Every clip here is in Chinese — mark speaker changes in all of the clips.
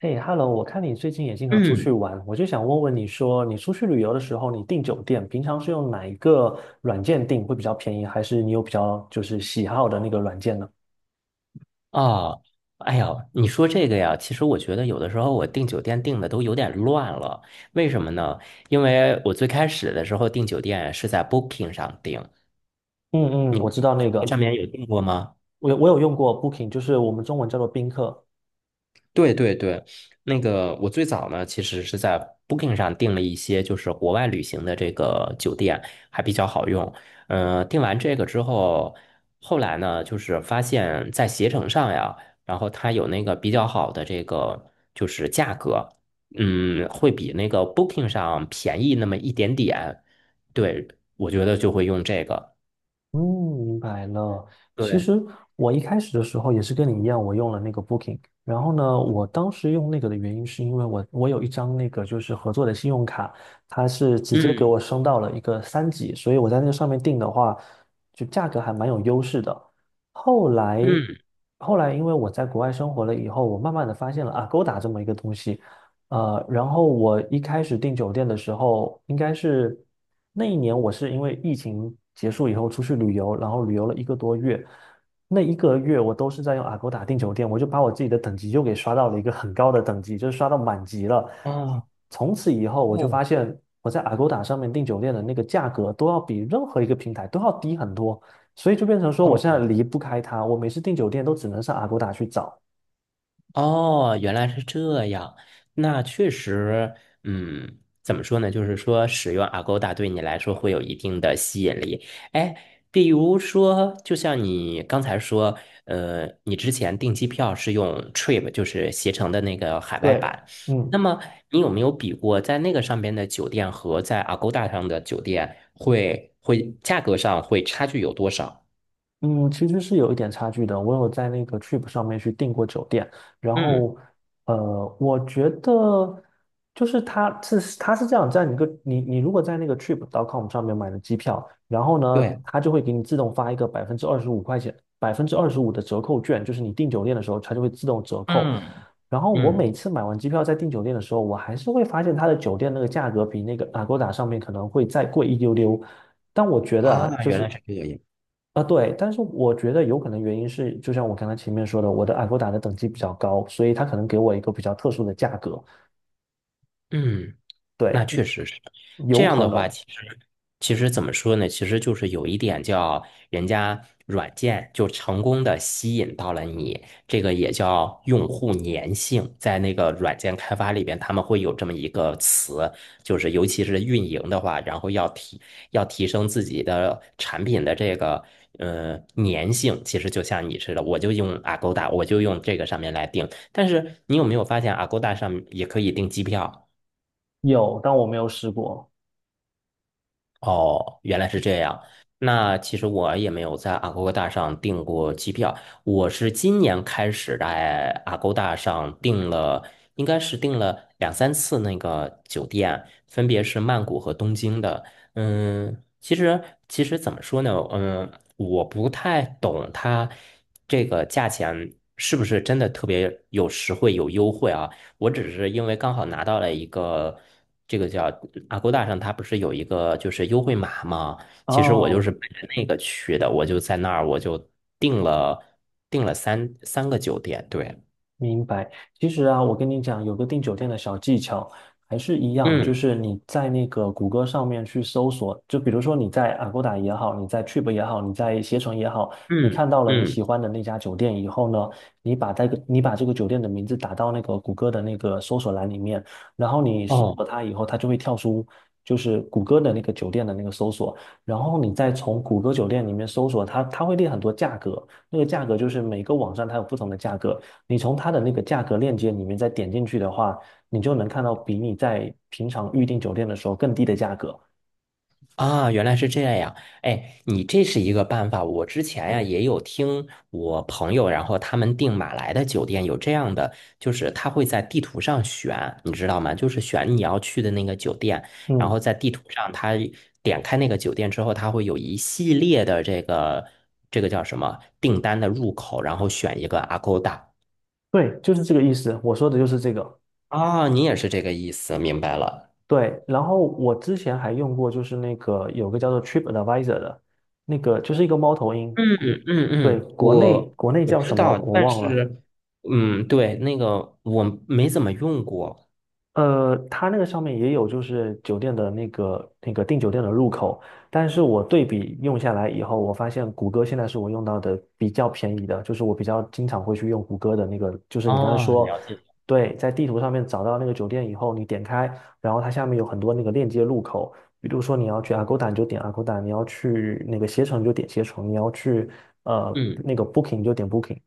Speaker 1: 嘿，Hello，我看你最近也经常出去
Speaker 2: 嗯，
Speaker 1: 玩，我就想问问你说，你出去旅游的时候，你订酒店，平常是用哪一个软件订会比较便宜，还是你有比较就是喜好的那个软件呢？
Speaker 2: 啊，哎呀，你说这个呀，其实我觉得有的时候我订酒店订的都有点乱了，为什么呢？因为我最开始的时候订酒店是在 Booking 上订，
Speaker 1: 嗯嗯，
Speaker 2: 你
Speaker 1: 我知
Speaker 2: 你
Speaker 1: 道那
Speaker 2: 在
Speaker 1: 个，
Speaker 2: 上面有订过吗？
Speaker 1: 我有用过 Booking，就是我们中文叫做宾客，
Speaker 2: 对对对，那个我最早呢，其实是在 Booking 上订了一些就是国外旅行的这个酒店，还比较好用。订完这个之后，后来呢，就是发现在携程上呀，然后它有那个比较好的这个就是价格，会比那个 Booking 上便宜那么一点点。对，我觉得就会用这个。
Speaker 1: 嗯，明白了。其
Speaker 2: 对，
Speaker 1: 实我一开始的时候也是跟你一样，我用了那个 Booking。然后呢，我当时用那个的原因是因为我有一张那个就是合作的信用卡，它是直接给
Speaker 2: 嗯
Speaker 1: 我升到了一个三级，所以我在那个上面订的话，就价格还蛮有优势的。后来
Speaker 2: 嗯，
Speaker 1: 后来因为我在国外生活了以后，我慢慢的发现了 a 勾 o 这么一个东西，然后我一开始订酒店的时候应该是。那一年我是因为疫情结束以后出去旅游，然后旅游了一个多月，那一个月我都是在用 Agoda 订酒店，我就把我自己的等级又给刷到了一个很高的等级，就是刷到满级了。
Speaker 2: 哦
Speaker 1: 从此以后，我就发
Speaker 2: 哦。
Speaker 1: 现我在 Agoda 上面订酒店的那个价格都要比任何一个平台都要低很多，所以就变成说我现在
Speaker 2: 哦。
Speaker 1: 离不开它，我每次订酒店都只能上 Agoda 去找。
Speaker 2: 哦，原来是这样。那确实，怎么说呢？就是说，使用 Agoda 对你来说会有一定的吸引力。哎，比如说，就像你刚才说，你之前订机票是用 Trip，就是携程的那个海外
Speaker 1: 对，
Speaker 2: 版。
Speaker 1: 嗯。
Speaker 2: 那么，你有没有比过在那个上边的酒店和在 Agoda 上的酒店会价格上会差距有多少？
Speaker 1: 嗯，其实是有一点差距的。我有在那个 Trip 上面去订过酒店，然
Speaker 2: 嗯，
Speaker 1: 后，我觉得就是它是这样，在你个你你如果在那个 Trip.com 上面买的机票，然后呢，
Speaker 2: 对，
Speaker 1: 它就会给你自动发一个百分之二十五块钱、百分之二十五的折扣券，就是你订酒店的时候，它就会自动折扣。
Speaker 2: 嗯
Speaker 1: 然后我
Speaker 2: 嗯，
Speaker 1: 每次买完机票再订酒店的时候，我还是会发现他的酒店那个价格比那个 a g o d 上面可能会再贵一丢丢。但我觉得啊，
Speaker 2: 啊，
Speaker 1: 就
Speaker 2: 原
Speaker 1: 是
Speaker 2: 来是这样。
Speaker 1: 啊对，但是我觉得有可能原因是，就像我刚才前面说的，我的 a g o d 的等级比较高，所以他可能给我一个比较特殊的价格。
Speaker 2: 嗯。那
Speaker 1: 对，
Speaker 2: 确实是这
Speaker 1: 有
Speaker 2: 样
Speaker 1: 可
Speaker 2: 的
Speaker 1: 能
Speaker 2: 话，其实怎么说呢？其实就是有一点叫人家软件就成功的吸引到了你，这个也叫用户粘性。在那个软件开发里边，他们会有这么一个词，就是尤其是运营的话，然后要提升自己的产品的这个粘性。其实就像你似的，我就用 Agoda，我就用这个上面来定。但是你有没有发现，Agoda 上也可以订机票？
Speaker 1: 有，但我没有试过。
Speaker 2: 哦，原来是这样。那其实我也没有在 a g o d 上订过机票，我是今年开始在 a g o d 上订了，应该是订了两三次那个酒店，分别是曼谷和东京的。嗯，其实其实怎么说呢？嗯，我不太懂它这个价钱是不是真的特别有实惠有优惠啊？我只是因为刚好拿到了一个这个叫 a g o d 上，它不是有一个就是优惠码吗？其实我就
Speaker 1: 哦，
Speaker 2: 是奔着那个去的，我就在那儿我就订了订了三个酒店，对，
Speaker 1: 明白。其实啊，我跟你讲，有个订酒店的小技巧，还是一样，就
Speaker 2: 嗯
Speaker 1: 是你在那个谷歌上面去搜索，就比如说你在 Agoda 也好，你在 Trip 也好，你在携程也好，你
Speaker 2: 嗯
Speaker 1: 看到了你喜
Speaker 2: 嗯，
Speaker 1: 欢的那家酒店以后呢，你把这个酒店的名字打到那个谷歌的那个搜索栏里面，然后你搜
Speaker 2: 哦。
Speaker 1: 索它以后，它就会跳出就是谷歌的那个酒店的那个搜索，然后你再从谷歌酒店里面搜索它，它会列很多价格，那个价格就是每个网站它有不同的价格。你从它的那个价格链接里面再点进去的话，你就能看到比你在平常预订酒店的时候更低的价格。
Speaker 2: 啊，原来是这样。哎，你这是一个办法。我之前呀也有听我朋友，然后他们订马来的酒店有这样的，就是他会在地图上选，你知道吗？就是选你要去的那个酒店，然
Speaker 1: 嗯，
Speaker 2: 后在地图上他点开那个酒店之后，他会有一系列的这个叫什么订单的入口，然后选一个 Agoda。
Speaker 1: 对，就是这个意思。我说的就是这个。
Speaker 2: 啊，你也是这个意思，明白了。
Speaker 1: 对，然后我之前还用过，就是那个有个叫做 TripAdvisor 的，那个就是一个猫头鹰，
Speaker 2: 嗯嗯
Speaker 1: 对，
Speaker 2: 嗯，
Speaker 1: 国内
Speaker 2: 我
Speaker 1: 国内
Speaker 2: 我
Speaker 1: 叫
Speaker 2: 知
Speaker 1: 什么
Speaker 2: 道，
Speaker 1: 我
Speaker 2: 但
Speaker 1: 忘了，
Speaker 2: 是，嗯，对，那个我没怎么用过。
Speaker 1: 它那个上面也有，就是酒店的那个那个订酒店的入口，但是我对比用下来以后，我发现谷歌现在是我用到的比较便宜的，就是我比较经常会去用谷歌的那个，就是你刚才
Speaker 2: 哦，
Speaker 1: 说，
Speaker 2: 了解。
Speaker 1: 对，在地图上面找到那个酒店以后，你点开，然后它下面有很多那个链接入口，比如说你要去 Agoda 你就点 Agoda，你要去那个携程你就点携程，你要去
Speaker 2: 嗯。
Speaker 1: 那个 Booking 你就点 Booking，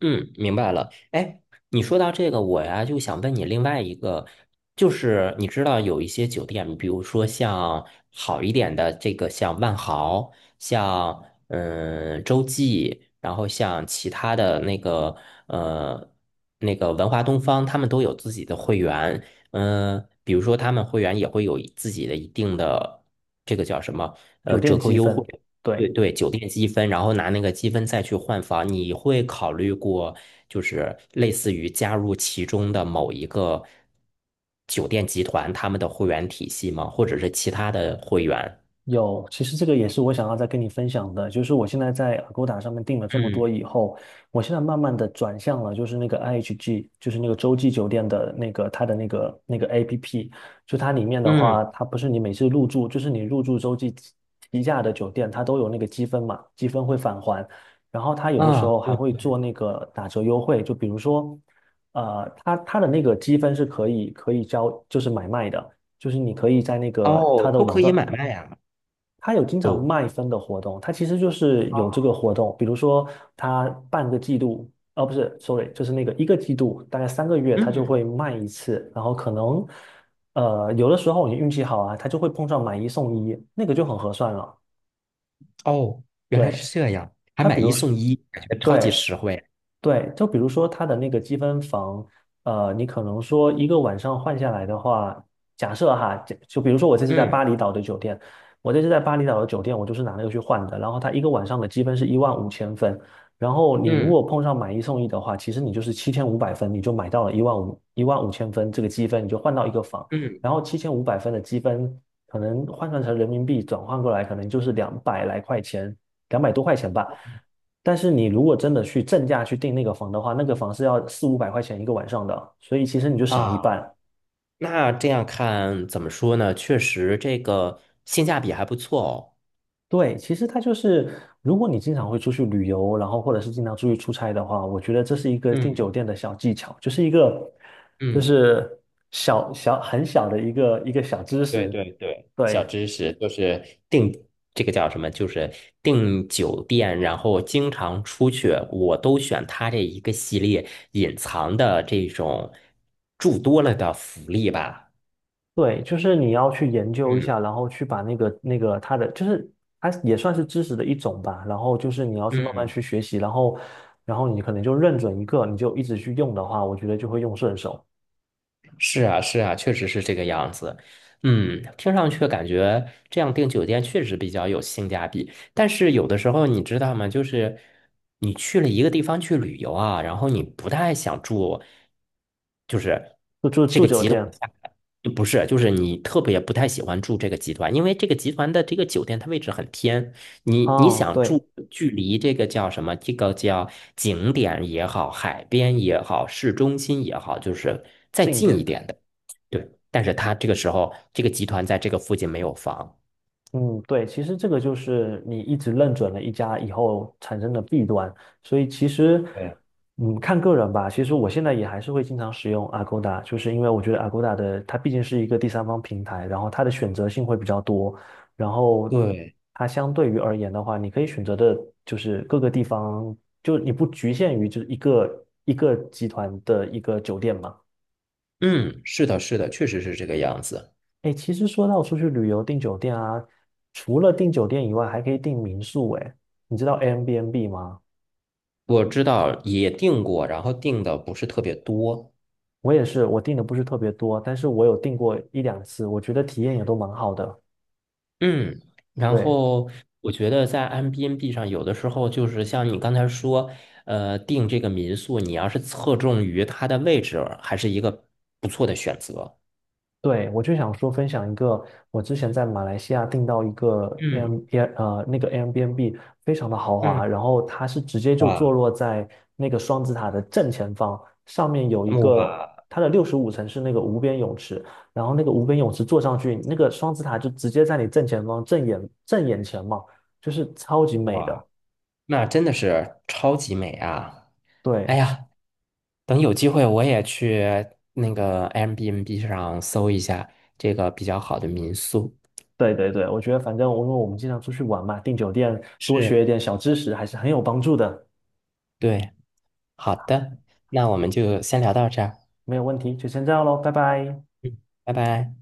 Speaker 2: 嗯，明白了。哎，你说到这个，我呀就想问你另外一个，就是你知道有一些酒店，比如说像好一点的这个，像万豪，像洲际，然后像其他的那个呃那个文华东方，他们都有自己的会员。比如说他们会员也会有自己的一定的这个叫什么
Speaker 1: 酒
Speaker 2: 折
Speaker 1: 店
Speaker 2: 扣
Speaker 1: 积
Speaker 2: 优惠。
Speaker 1: 分，
Speaker 2: 对
Speaker 1: 对。
Speaker 2: 对，酒店积分，然后拿那个积分再去换房，你会考虑过，就是类似于加入其中的某一个酒店集团他们的会员体系吗？或者是其他的会员？
Speaker 1: 有，其实这个也是我想要再跟你分享的，就是我现在在 a g o d 上面订了这么多
Speaker 2: 嗯
Speaker 1: 以后，我现在慢慢的转向了，就是那个 IHG，就是那个洲际酒店的那个它的那个 APP，就它里面的
Speaker 2: 嗯
Speaker 1: 话，它不是你每次入住，就是你入住洲际旗下的酒店，它都有那个积分嘛，积分会返还，然后它有的时
Speaker 2: 啊，
Speaker 1: 候还
Speaker 2: 对
Speaker 1: 会
Speaker 2: 对，
Speaker 1: 做那个打折优惠，就比如说，它的那个积分是可以交，就是买卖的。就是你可以在那个它
Speaker 2: 哦，
Speaker 1: 的
Speaker 2: 都
Speaker 1: 网
Speaker 2: 可
Speaker 1: 站
Speaker 2: 以买卖啊。
Speaker 1: 它有经常
Speaker 2: 哦，
Speaker 1: 卖分的活动，它其实就是有这个
Speaker 2: 哦，
Speaker 1: 活动，比如说它半个季度，哦不是，sorry，就是那个一个季度，大概3个月，它就会
Speaker 2: 嗯，
Speaker 1: 卖一次，然后可能有的时候你运气好啊，它就会碰上买一送一，那个就很合算了。
Speaker 2: 哦，原来是
Speaker 1: 对，
Speaker 2: 这样，还
Speaker 1: 它
Speaker 2: 买
Speaker 1: 比
Speaker 2: 一
Speaker 1: 如说
Speaker 2: 送一，感觉超级
Speaker 1: 对，
Speaker 2: 实惠。
Speaker 1: 对，就比如说它的那个积分房，你可能说一个晚上换下来的话，假设哈，就比如说
Speaker 2: 嗯
Speaker 1: 我这次在巴厘岛的酒店，我就是拿那个去换的，然后它一个晚上的积分是一万五千分，然后你如
Speaker 2: 嗯
Speaker 1: 果碰上买一送一的话，其实你就是七千五百分，你就买到了一万五千分这个积分，你就换到一个房，
Speaker 2: 嗯
Speaker 1: 然后七千五百分的积分可能换算成人民币转换过来，可能就是200来块钱，200多块钱吧。但是你如果真的去正价去订那个房的话，那个房是要四五百块钱一个晚上的，所以其实你就省了一
Speaker 2: 啊，
Speaker 1: 半。
Speaker 2: 那这样看怎么说呢？确实，这个性价比还不错哦。
Speaker 1: 对，其实它就是，如果你经常会出去旅游，然后或者是经常出去出差的话，我觉得这是一个订
Speaker 2: 嗯
Speaker 1: 酒店的小技巧，就是一个，就
Speaker 2: 嗯，
Speaker 1: 是小小很小的一个小知
Speaker 2: 对
Speaker 1: 识。
Speaker 2: 对对，小
Speaker 1: 对，
Speaker 2: 知识就是订这个叫什么？就是订酒店，然后经常出去，我都选它这一个系列隐藏的这种住多了的福利吧。
Speaker 1: 对，就是你要去研究一下，
Speaker 2: 嗯
Speaker 1: 然后去把那个它的，就是它也算是知识的一种吧。然后就是你要去慢慢
Speaker 2: 嗯
Speaker 1: 去学习，然后你可能就认准一个，你就一直去用的话，我觉得就会用顺手。
Speaker 2: 是啊，是啊，确实是这个样子。听上去感觉这样订酒店确实比较有性价比。但是有的时候你知道吗？就是你去了一个地方去旅游啊，然后你不太想住，就是。
Speaker 1: 就住住酒店，
Speaker 2: 不是，就是你特别不太喜欢住这个集团，因为这个集团的这个酒店它位置很偏，你
Speaker 1: 啊，
Speaker 2: 想
Speaker 1: 对，
Speaker 2: 住距离这个叫什么？这个叫景点也好，海边也好，市中心也好，就是再
Speaker 1: 近一
Speaker 2: 近一
Speaker 1: 点的。
Speaker 2: 点的。对，但是它这个时候这个集团在这个附近没有房。
Speaker 1: 嗯，对，其实这个就是你一直认准了一家以后产生的弊端，所以其实，
Speaker 2: 对，
Speaker 1: 嗯，看个人吧。其实我现在也还是会经常使用 Agoda，就是因为我觉得 Agoda 的它毕竟是一个第三方平台，然后它的选择性会比较多，然后
Speaker 2: 对，
Speaker 1: 它相对于而言的话，你可以选择的就是各个地方，就你不局限于就是一个一个集团的一个酒店嘛。
Speaker 2: 嗯，是的，是的，确实是这个样子。
Speaker 1: 哎，其实说到出去旅游订酒店啊，除了订酒店以外，还可以订民宿。哎，你知道 Airbnb 吗？
Speaker 2: 我知道也订过，然后订的不是特别多。
Speaker 1: 我也是，我订的不是特别多，但是我有订过一两次，我觉得体验也都蛮好的。
Speaker 2: 嗯，然
Speaker 1: 对。
Speaker 2: 后我觉得在 Airbnb 上，有的时候就是像你刚才说，订这个民宿，你要是侧重于它的位置，还是一个不错的选择。
Speaker 1: 对，我就想说分享一个，我之前在马来西亚订到一个 Air
Speaker 2: 嗯
Speaker 1: Air 呃那个 Airbnb 非常的豪华，
Speaker 2: 嗯，
Speaker 1: 然后它是直接就坐
Speaker 2: 哇
Speaker 1: 落在那个双子塔的正前方，上面有一个
Speaker 2: 哇
Speaker 1: 它的65层是那个无边泳池，然后那个无边泳池坐上去，那个双子塔就直接在你正前方正眼前嘛，就是超级美
Speaker 2: 哇，
Speaker 1: 的。
Speaker 2: 那真的是超级美啊！哎
Speaker 1: 对，是
Speaker 2: 呀，等有机会我也去那个 Airbnb 上搜一下这个比较好的民宿。
Speaker 1: 对对对，我觉得反正我因为我们经常出去玩嘛，订酒店多
Speaker 2: 是，
Speaker 1: 学一点小知识还是很有帮助的。
Speaker 2: 对，好的，那我们就先聊到这儿。
Speaker 1: 没有问题，就先这样喽，拜拜。
Speaker 2: 嗯，拜拜。